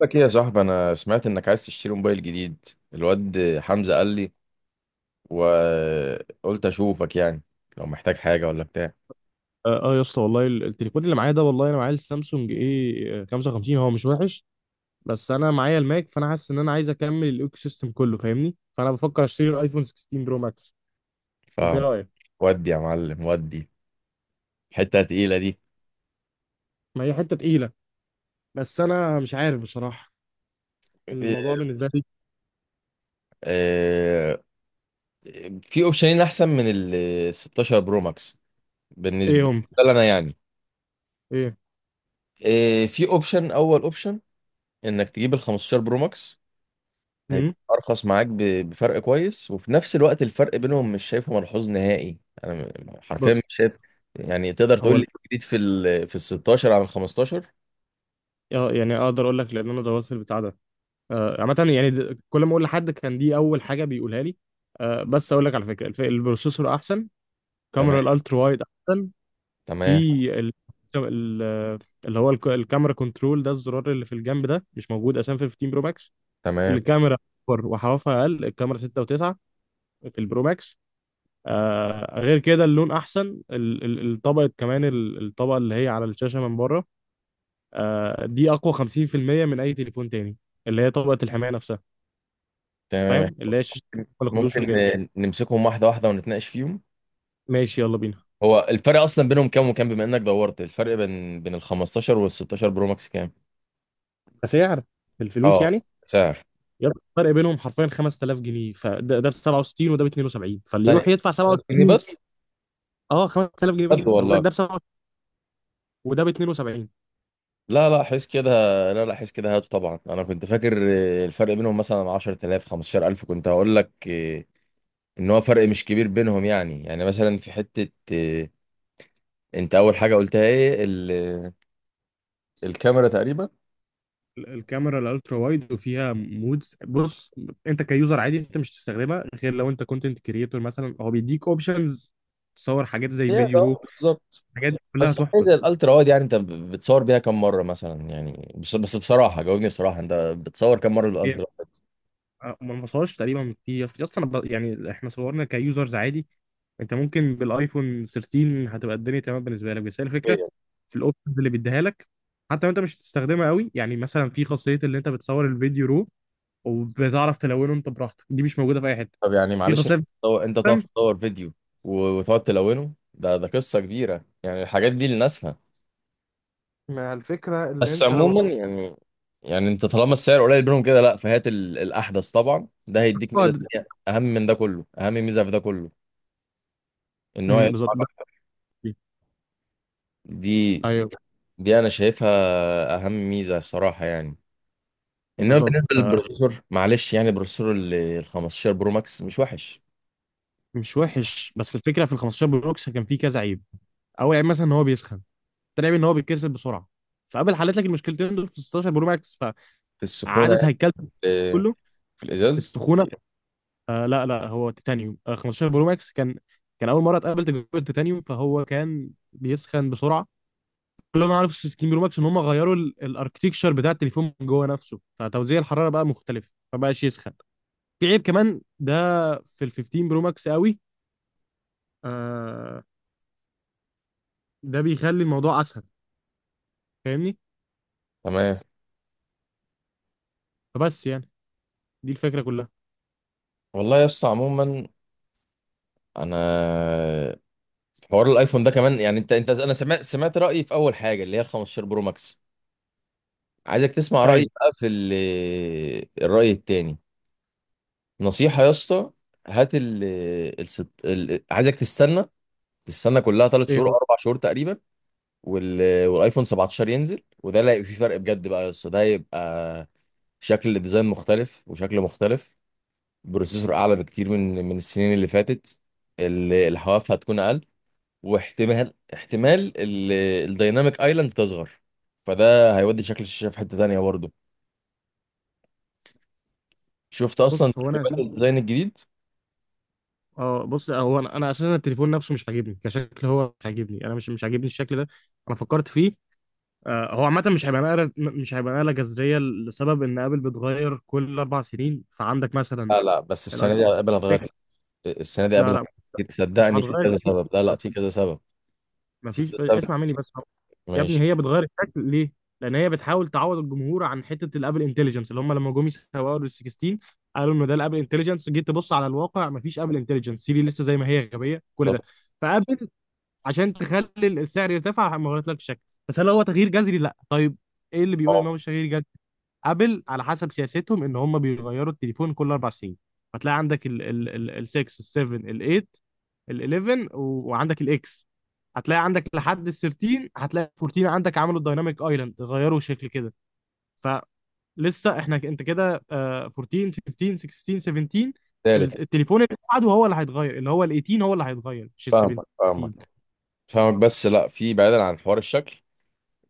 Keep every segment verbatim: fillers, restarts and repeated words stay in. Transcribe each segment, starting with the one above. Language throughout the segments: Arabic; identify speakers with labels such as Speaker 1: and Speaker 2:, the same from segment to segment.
Speaker 1: لك ايه يا صاحبي؟ انا سمعت انك عايز تشتري موبايل جديد. الواد حمزة قال لي، وقلت اشوفك يعني لو محتاج حاجة ولا بتاع.
Speaker 2: اه آه يا اسطى، والله ال- التليفون اللي معايا ده والله، انا معايا السامسونج ايه خمسة وخمسين. هو مش وحش، بس انا معايا الماك، فانا حاسس ان انا عايز اكمل الايكو سيستم كله، فاهمني؟ فانا بفكر اشتري الايفون ستاشر برو ماكس. انت ايه رايك؟
Speaker 1: فودي يا معلم ودي. حتة تقيلة دي.
Speaker 2: ما هي حته تقيله، بس انا مش عارف بصراحه الموضوع بالنسبه لي.
Speaker 1: آه، في اوبشنين احسن من ال ستاشر برو ماكس،
Speaker 2: ايه
Speaker 1: بالنسبة
Speaker 2: هم؟
Speaker 1: لي انا يعني.
Speaker 2: ايه؟
Speaker 1: آه، في اوبشن اول اوبشن انك تجيب ال خمسة عشر برو ماكس،
Speaker 2: امم
Speaker 1: هيكون ارخص معاك ب- بفرق كويس، وفي نفس الوقت الفرق بينهم مش شايفه ملحوظ نهائي. انا م- حرفيا
Speaker 2: بص،
Speaker 1: مش شايف يعني. تقدر
Speaker 2: هو
Speaker 1: تقول لي
Speaker 2: ال-
Speaker 1: جديد في ال في ال ستاشر على ال خمستاشر؟
Speaker 2: آه، يعني اقدر اقول لك، لان انا دورت في البتاع ده. آه، عامه يعني د- كل ما اقول لحد كان دي اول حاجه بيقولها لي. آه، بس اقول لك على فكره الف- البروسيسور احسن،
Speaker 1: تمام،
Speaker 2: كاميرا الالترا وايد، في
Speaker 1: تمام،
Speaker 2: ال... ال... اللي هو الك- الكاميرا كنترول ده، الزرار اللي في الجنب ده مش موجود اساسا في ال خمستاشر برو ماكس.
Speaker 1: تمام،
Speaker 2: الكاميرا اكبر وحوافها اقل، الكاميرا ستة وتسعة و9 في البرو ماكس. آه، غير كده اللون احسن، ال- ال- الطبقه كمان، ال- الطبقه اللي هي على الشاشه من بره، آه، دي اقوى خمسين في المية من اي تليفون تاني، اللي هي طبقه الحمايه نفسها.
Speaker 1: تمام.
Speaker 2: فاهم؟ اللي هي الشاشه ما خدوش
Speaker 1: ممكن
Speaker 2: وكده.
Speaker 1: ن- نمسكهم واحده واحده ونتناقش فيهم.
Speaker 2: ماشي يلا بينا.
Speaker 1: هو الفرق اصلا بينهم كام وكام؟ بما انك دورت، الفرق بين بين ال خمستاشر وال ستاشر برو ماكس كام؟
Speaker 2: كسعر، بالفلوس
Speaker 1: اه،
Speaker 2: يعني؟
Speaker 1: سعر.
Speaker 2: يا اسطى الفرق بينهم حرفيا خمسة آلاف جنيه، فده ده ب سبعة وستين وده ب اتنين وسبعين، فاللي يروح
Speaker 1: ثانية،
Speaker 2: يدفع
Speaker 1: سعر جنيه
Speaker 2: سبعة وستين.
Speaker 1: بس؟
Speaker 2: اه، خمسة آلاف جنيه
Speaker 1: بجد
Speaker 2: بس. ما بقول لك
Speaker 1: والله؟
Speaker 2: ده ب سبعة وستين وده ب اتنين وسبعين.
Speaker 1: لا لا، حس كده. لا لا، حس كده، هاته طبعا. انا كنت فاكر آه، الفرق بينهم مثلا عشرة آلاف خمسة عشر الف، كنت هقول لك آه، ان هو فرق مش كبير بينهم يعني. يعني مثلا في حتة آه، انت اول حاجة قلتها ايه؟ ال- آه، الكاميرا تقريبا.
Speaker 2: ال- الكاميرا الالترا وايد وفيها مودز. بص، انت كيوزر عادي، انت مش تستخدمها غير لو انت كونتنت كريتور مثلا. هو بيديك اوبشنز تصور حاجات زي
Speaker 1: هي ده،
Speaker 2: فيديو رو،
Speaker 1: آه، بالظبط.
Speaker 2: الحاجات دي كلها
Speaker 1: بس حاجة
Speaker 2: تحفه.
Speaker 1: زي الالترا وايد، يعني انت ب- بتصور بيها كام مرة مثلا؟ يعني بس بس بصراحة جاوبني بصراحة، انت بتصور كام مرة
Speaker 2: يعني
Speaker 1: بالالترا
Speaker 2: آه، ما نوصلش تقريبا، في في اصلا ب- يعني احنا صورنا كيوزرز عادي، انت ممكن بالايفون تلتاشر هتبقى الدنيا تمام بالنسبه لك. بس هي الفكره
Speaker 1: وايد؟
Speaker 2: في الاوبشنز اللي بيديها لك، حتى لو انت مش هتستخدمها قوي. يعني مثلا في خاصيه اللي انت بتصور الفيديو رو وبتعرف تلونه انت براحتك، دي مش موجوده في اي حته.
Speaker 1: طب يعني
Speaker 2: في
Speaker 1: معلش،
Speaker 2: خاصيه، في
Speaker 1: تصور- انت تقف تصور فيديو و- وتقعد تلونه؟ ده ده قصة كبيرة يعني، الحاجات دي لناسها.
Speaker 2: مع الفكرة اللي
Speaker 1: بس
Speaker 2: انت لو
Speaker 1: عموما
Speaker 2: اتحطيت.
Speaker 1: يعني، يعني انت طالما السعر قليل بينهم كده، لا فهات ال- الاحدث طبعا. ده هيديك
Speaker 2: اه،
Speaker 1: ميزه
Speaker 2: ده-
Speaker 1: تانيه اهم من ده كله، اهم ميزه في ده كله ان هو
Speaker 2: امم
Speaker 1: يدفع
Speaker 2: بالظبط، ده
Speaker 1: رقم.
Speaker 2: حقيقي.
Speaker 1: دي،
Speaker 2: ايوه،
Speaker 1: دي انا شايفها اهم ميزه صراحه يعني. انما
Speaker 2: بالظبط
Speaker 1: بالنسبه
Speaker 2: آه.
Speaker 1: للبروسيسور معلش، يعني البروسيسور ال ال خمستاشر برو ماكس مش وحش
Speaker 2: مش وحش، بس الفكره في ال خمسة عشر بروكس كان فيه كذا عيب. اول عيب مثلا ان هو بيسخن، تاني عيب ان هو بيتكسر بسرعه، فقبل حلت لك المشكلتين دول في ستاشر برو ماكس.
Speaker 1: في السخونه،
Speaker 2: فقعدت هيكلت
Speaker 1: في
Speaker 2: كله
Speaker 1: في الازاز.
Speaker 2: السخونه. آه لا لا، هو تيتانيوم، آه خمسة عشر برو ماكس كان، كان اول مره اتقابل تجربه تيتانيوم، فهو كان بيسخن بسرعه. كل ما عرفوا في ستاشر برو ماكس ان هم غيروا الاركتكشر بتاع التليفون من جوه نفسه، فتوزيع الحراره بقى مختلف فبقاش يسخن. في عيب كمان ده في ال خمستاشر برو ماكس قوي، آه، ده بيخلي الموضوع اسهل، فاهمني؟
Speaker 1: تمام.
Speaker 2: فبس يعني، دي الفكره كلها.
Speaker 1: والله يا اسطى عموما، انا حوار الايفون ده كمان يعني، انت انت انا سمعت سمعت رايي في اول حاجه اللي هي ال خمسة عشر برو ماكس. عايزك تسمع رأيي
Speaker 2: ايوه.
Speaker 1: بقى في ال- الرأي التاني. نصيحة يا اسطى، هات ال الست... ال... عايزك تستنى، تستنى كلها ثلاث
Speaker 2: ايه
Speaker 1: شهور
Speaker 2: هو؟
Speaker 1: اربع شهور تقريبا، وال... والايفون سبعة عشر ينزل. وده اللي هيبقى فيه فرق بجد بقى يا اسطى. ده هيبقى شكل الديزاين مختلف، وشكل مختلف، بروسيسور اعلى بكتير من من السنين اللي فاتت. ال... الحواف هتكون اقل، واحتمال احتمال ال... الديناميك ايلاند تصغر. فده هيودي شكل الشاشة في حتة تانية برضه. شفت اصلا
Speaker 2: بص، هو انا
Speaker 1: تقريبا
Speaker 2: اساسا،
Speaker 1: الديزاين الجديد؟
Speaker 2: اه بص، هو انا انا اساسا التليفون نفسه مش عاجبني كشكل، هو مش عاجبني، انا مش مش عاجبني الشكل ده. انا فكرت فيه. آه، هو عامة مش هيبقى نقلة، مش هيبقى نقلة جذرية، لسبب إن آبل بتغير كل أربع سنين، فعندك مثلا
Speaker 1: لا لا، بس
Speaker 2: الأيفون
Speaker 1: السنه دي قبل هتغير
Speaker 2: ستة.
Speaker 1: كتير. السنه دي
Speaker 2: لا
Speaker 1: قبل
Speaker 2: لا،
Speaker 1: كتير
Speaker 2: مش
Speaker 1: صدقني، في
Speaker 2: هتغير
Speaker 1: كذا
Speaker 2: كتير.
Speaker 1: سبب. لا لا،
Speaker 2: طب
Speaker 1: في كذا سبب. في
Speaker 2: مفيش،
Speaker 1: كذا سبب.
Speaker 2: اسمع مني بس أهو. يا ابني،
Speaker 1: ماشي.
Speaker 2: هي بتغير الشكل ليه؟ لأن هي بتحاول تعوض الجمهور عن حتة الآبل انتليجنس اللي هم لما جم يسوقوا لل ستاشر قالوا إنه ده الآبل انتليجنس. جيت تبص على الواقع، مفيش آبل انتليجنس، سيري لسه زي ما هي غبية، كل
Speaker 1: طب،
Speaker 2: ده. فآبل عشان تخلي السعر يرتفع ما غيرتلكش الشكل. بس هل هو تغيير جذري؟ لا. طيب إيه اللي بيقول إن
Speaker 1: اه،
Speaker 2: هو مش تغيير جذري؟ ابل على حسب سياستهم ان هم بيغيروا التليفون كل اربع سنين، فتلاقي عندك ال ال ال ال ستة، ال سبعة، ال تمانية، ال حداشر، و- وعندك الاكس. هتلاقي عندك لحد ال تلتاشر، هتلاقي ال اربعتاشر عندك عملوا الدايناميك ايلاند، غيروا شكل كده. فلسه احنا ك- انت كده، آه، اربعتاشر، خمستاشر، ستاشر، سبعتاشر،
Speaker 1: تالت.
Speaker 2: ال- التليفون اللي بعده هو اللي هيتغير، اللي هو ال ثمانية عشر هو اللي هيتغير مش ال
Speaker 1: فاهمك، فاهمك،
Speaker 2: سبعتاشر.
Speaker 1: فاهمك، بس لا، في بعيدا عن حوار الشكل،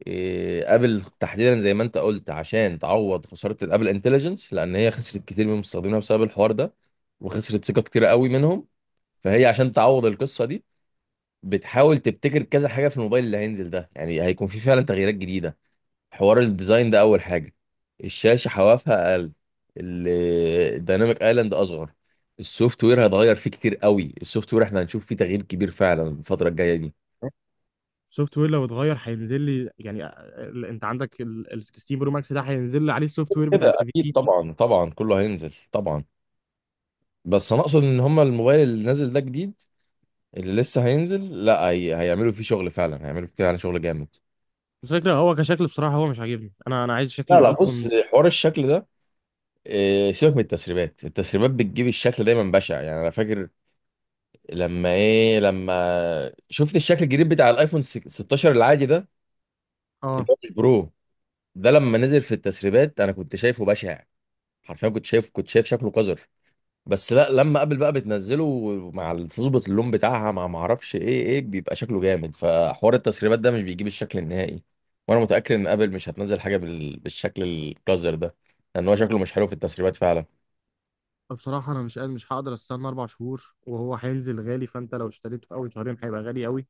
Speaker 1: إيه، ابل تحديدا زي ما انت قلت عشان تعوض خساره الابل انتليجنس، لان هي خسرت كتير من مستخدمينها بسبب الحوار ده، وخسرت ثقه كتير قوي منهم. فهي عشان تعوض القصه دي بتحاول تبتكر كذا حاجه في الموبايل اللي هينزل ده. يعني هيكون في فعلا تغييرات جديده. حوار الديزاين ده اول حاجه، الشاشه حوافها اقل، ال- الديناميك ايلاند اصغر، السوفت وير هيتغير فيه كتير قوي. السوفت وير احنا هنشوف فيه تغيير كبير فعلا الفتره الجايه دي.
Speaker 2: السوفت وير لو اتغير هينزل لي يعني؟ آه، ال- انت عندك ال ال ستاشر برو ماكس، ده هينزل لي عليه السوفت وير بتاع
Speaker 1: كده
Speaker 2: ال
Speaker 1: اكيد
Speaker 2: سبعتاشر.
Speaker 1: طبعا، طبعا كله هينزل طبعا. بس انا اقصد ان هما الموبايل اللي نازل ده جديد، اللي لسه هينزل، لا هي... هيعملوا فيه شغل فعلا، هيعملوا فيه فعلا شغل جامد.
Speaker 2: الفكرة هو كشكل بصراحة هو مش عاجبني، انا انا عايز شكل
Speaker 1: لا لا،
Speaker 2: الايفون
Speaker 1: بص،
Speaker 2: ده.
Speaker 1: حوار الشكل ده، إيه، سيبك من التسريبات. التسريبات بتجيب الشكل دايما بشع يعني. انا فاكر لما ايه، لما شفت الشكل الجديد بتاع الايفون ستاشر العادي ده، اللي
Speaker 2: اه،
Speaker 1: هو مش برو، ده لما نزل في التسريبات انا كنت شايفه بشع. حرفيا كنت شايف كنت شايف شكله قذر. بس لا، لما ابل بقى بتنزله مع ال- تظبط اللون بتاعها، مع ما اعرفش ايه ايه بيبقى شكله جامد. فحوار التسريبات ده مش بيجيب الشكل النهائي، وانا متاكد ان ابل مش هتنزل حاجه بال... بالشكل القذر ده، لان هو شكله مش حلو في التسريبات فعلا.
Speaker 2: بصراحة أنا مش قادر، مش هقدر أستنى أربع شهور، وهو هينزل غالي، فأنت لو اشتريته في أول شهرين هيبقى غالي أوي.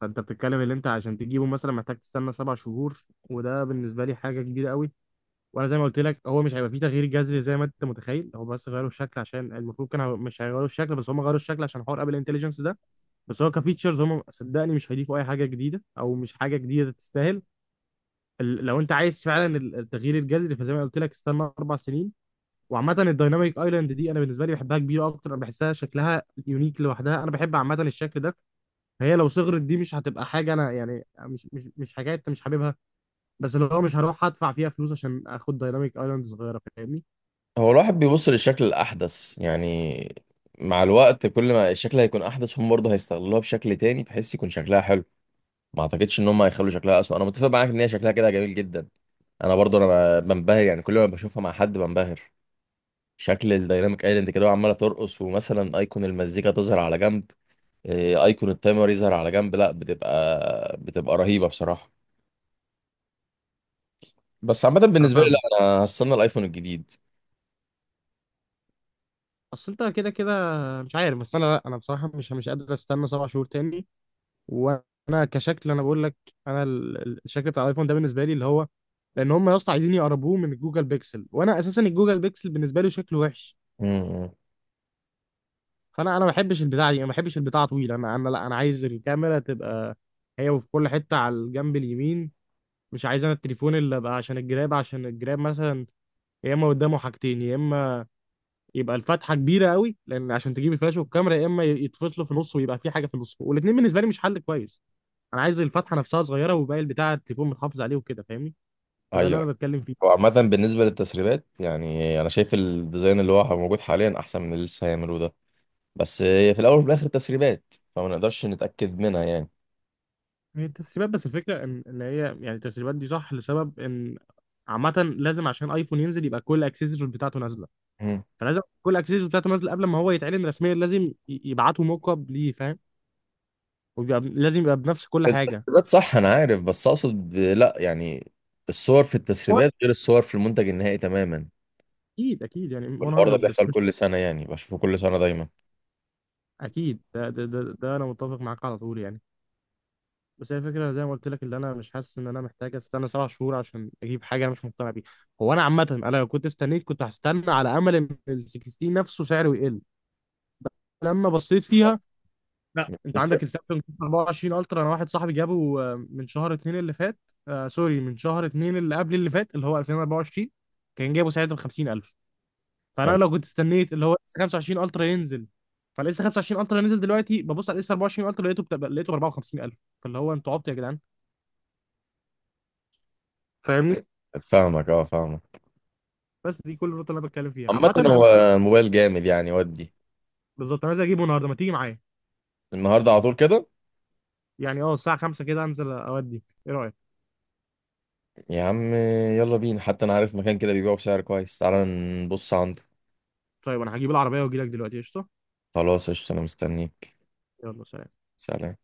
Speaker 2: فأنت بتتكلم اللي أنت عشان تجيبه مثلا محتاج تستنى سبع شهور، وده بالنسبة لي حاجة كبيرة أوي. وأنا زي ما قلت لك، هو مش هيبقى فيه تغيير جذري زي ما أنت متخيل، هو بس غيروا الشكل، عشان المفروض كانوا مش هيغيروا الشكل، بس هم غيروا الشكل عشان حوار أبل انتليجنس ده. بس هو كفيتشرز، هم صدقني مش هيضيفوا أي حاجة جديدة، أو مش حاجة جديدة تستاهل. ال- لو انت عايز فعلا ال- التغيير الجذري، فزي ما قلت لك استنى اربع سنين. وعامه الدايناميك ايلاند دي انا بالنسبه لي بحبها كبيره اكتر، انا بحسها شكلها يونيك لوحدها، انا بحب عامه الشكل ده. فهي لو صغرت دي مش هتبقى حاجه، انا يعني مش مش مش حاجات انت مش حاببها، بس اللي هو مش هروح ادفع فيها فلوس عشان اخد دايناميك ايلاند صغيره، فاهمني؟
Speaker 1: هو الواحد بيبص للشكل الأحدث يعني. مع الوقت كل ما الشكل هيكون أحدث هم برضه هيستغلوها بشكل تاني بحيث يكون شكلها حلو. ما أعتقدش إن هم هيخلوا شكلها أسوأ. أنا متفق معاك إن هي شكلها كده جميل جدا. أنا برضه أنا ب- بنبهر يعني، كل ما بشوفها مع حد بنبهر. شكل الديناميك ايلاند كده وعمالة ترقص، ومثلا أيقون المزيكا تظهر على جنب، إيه، أيقون التايمر يظهر على جنب، لا بتبقى بتبقى رهيبة بصراحة. بس عامة
Speaker 2: انا
Speaker 1: بالنسبة لي
Speaker 2: فاهمك.
Speaker 1: لا، أنا هستنى الأيفون الجديد.
Speaker 2: اصل انت كده كده مش عارف، بس انا لا، انا بصراحه مش مش قادر استنى سبع شهور تاني. وانا كشكل انا بقول لك، انا ال- ال- الشكل بتاع الايفون ده بالنسبه لي، اللي هو، لان هم يا اسطى عايزين يقربوه من الجوجل بيكسل، وانا اساسا الجوجل بيكسل بالنسبه لي شكله وحش.
Speaker 1: امم.
Speaker 2: فانا، انا ما بحبش البتاعه دي، انا ما بحبش البتاعه طويله، انا انا لا، انا عايز الكاميرا تبقى هي في كل حته على الجنب اليمين، مش عايز انا التليفون اللي ابقى عشان الجراب، عشان الجراب مثلا يا اما قدامه حاجتين، يا اما يبقى الفتحه كبيره قوي، لان عشان تجيب الفلاش والكاميرا، يا اما يتفصلوا في نص ويبقى في حاجه في النص، والاثنين بالنسبه لي مش حل كويس. انا عايز الفتحه نفسها صغيره، وباقي البتاع التليفون متحافظ عليه وكده، فاهمني؟ فده اللي
Speaker 1: أيوه.
Speaker 2: انا بتكلم
Speaker 1: هو
Speaker 2: فيه.
Speaker 1: عامة بالنسبة للتسريبات، يعني أنا شايف الديزاين اللي هو موجود حاليا أحسن من اللي لسه هيعملوه ده. بس هي في الأول وفي الآخر تسريبات، فما نقدرش نتأكد منها يعني.
Speaker 2: هي التسريبات بس الفكره ان ان هي يعني التسريبات دي صح، لسبب ان عامه لازم عشان ايفون ينزل يبقى كل الاكسسوارز بتاعته نازله.
Speaker 1: مم.
Speaker 2: فلازم كل الاكسسوارز بتاعته نازله قبل ما هو يتعلن رسميا، لازم ي- يبعتوا موك اب ليه، فاهم؟ وبيبقى لازم يبقى بنفس كل حاجه.
Speaker 1: التسريبات صح أنا عارف، بس أقصد ب- لأ يعني الصور في
Speaker 2: هو
Speaker 1: التسريبات غير الصور في المنتج النهائي تماما.
Speaker 2: اكيد، اكيد يعني.
Speaker 1: والحوار ده
Speaker 2: مية بالمية
Speaker 1: بيحصل كل سنة يعني، بشوفه كل سنة دايما.
Speaker 2: اكيد، ده ده ده, ده انا متفق معاك على طول يعني. بس هي الفكرة زي ما قلت لك، اللي انا مش حاسس ان انا محتاج استنى سبع شهور عشان اجيب حاجة انا مش مقتنع بيها. هو انا عامة، انا لو كنت استنيت كنت هستنى على امل ان ال ستة عشر نفسه سعره يقل لما بصيت
Speaker 1: آه.
Speaker 2: فيها. لا،
Speaker 1: مش
Speaker 2: انت
Speaker 1: بتفرق
Speaker 2: عندك السامسونج اربعة وعشرين الترا، انا واحد صاحبي جابه آه، من شهر اتنين اللي فات، آه سوري، من شهر اتنين اللي قبل اللي فات، اللي هو الفين واربعة وعشرين، كان جايبه ساعتها ب خمسين الف. فانا
Speaker 1: يعني.
Speaker 2: لو كنت استنيت اللي هو لسه خمسة وعشرين الترا ينزل، فلسه خمسة وعشرين الترا نزل دلوقتي، ببص على لسه اربعة وعشرين الترا لقيته بتبقى- لقيته ب اربعة وخمسين الف، فاللي هو انتوا عبط يا جدعان، فاهمني؟
Speaker 1: فاهمك، اه فاهمك.
Speaker 2: بس دي كل النقطة اللي انا بتكلم فيها
Speaker 1: عامة
Speaker 2: عامة انا.
Speaker 1: هو الموبايل جامد يعني ودي.
Speaker 2: بالظبط، انا عايز اجيبه النهارده، ما تيجي معايا؟
Speaker 1: النهاردة على طول كده؟
Speaker 2: يعني اه الساعة خمسة كده انزل اودي، ايه رأيك؟
Speaker 1: يا عم يلا بينا. حتى انا عارف مكان كده بيبيعه بسعر كويس، تعالى نبص عنده.
Speaker 2: طيب انا هجيب العربية واجي لك دلوقتي، قشطة.
Speaker 1: خلاص قشطة، انا مستنيك.
Speaker 2: يلا سلام.
Speaker 1: سلام.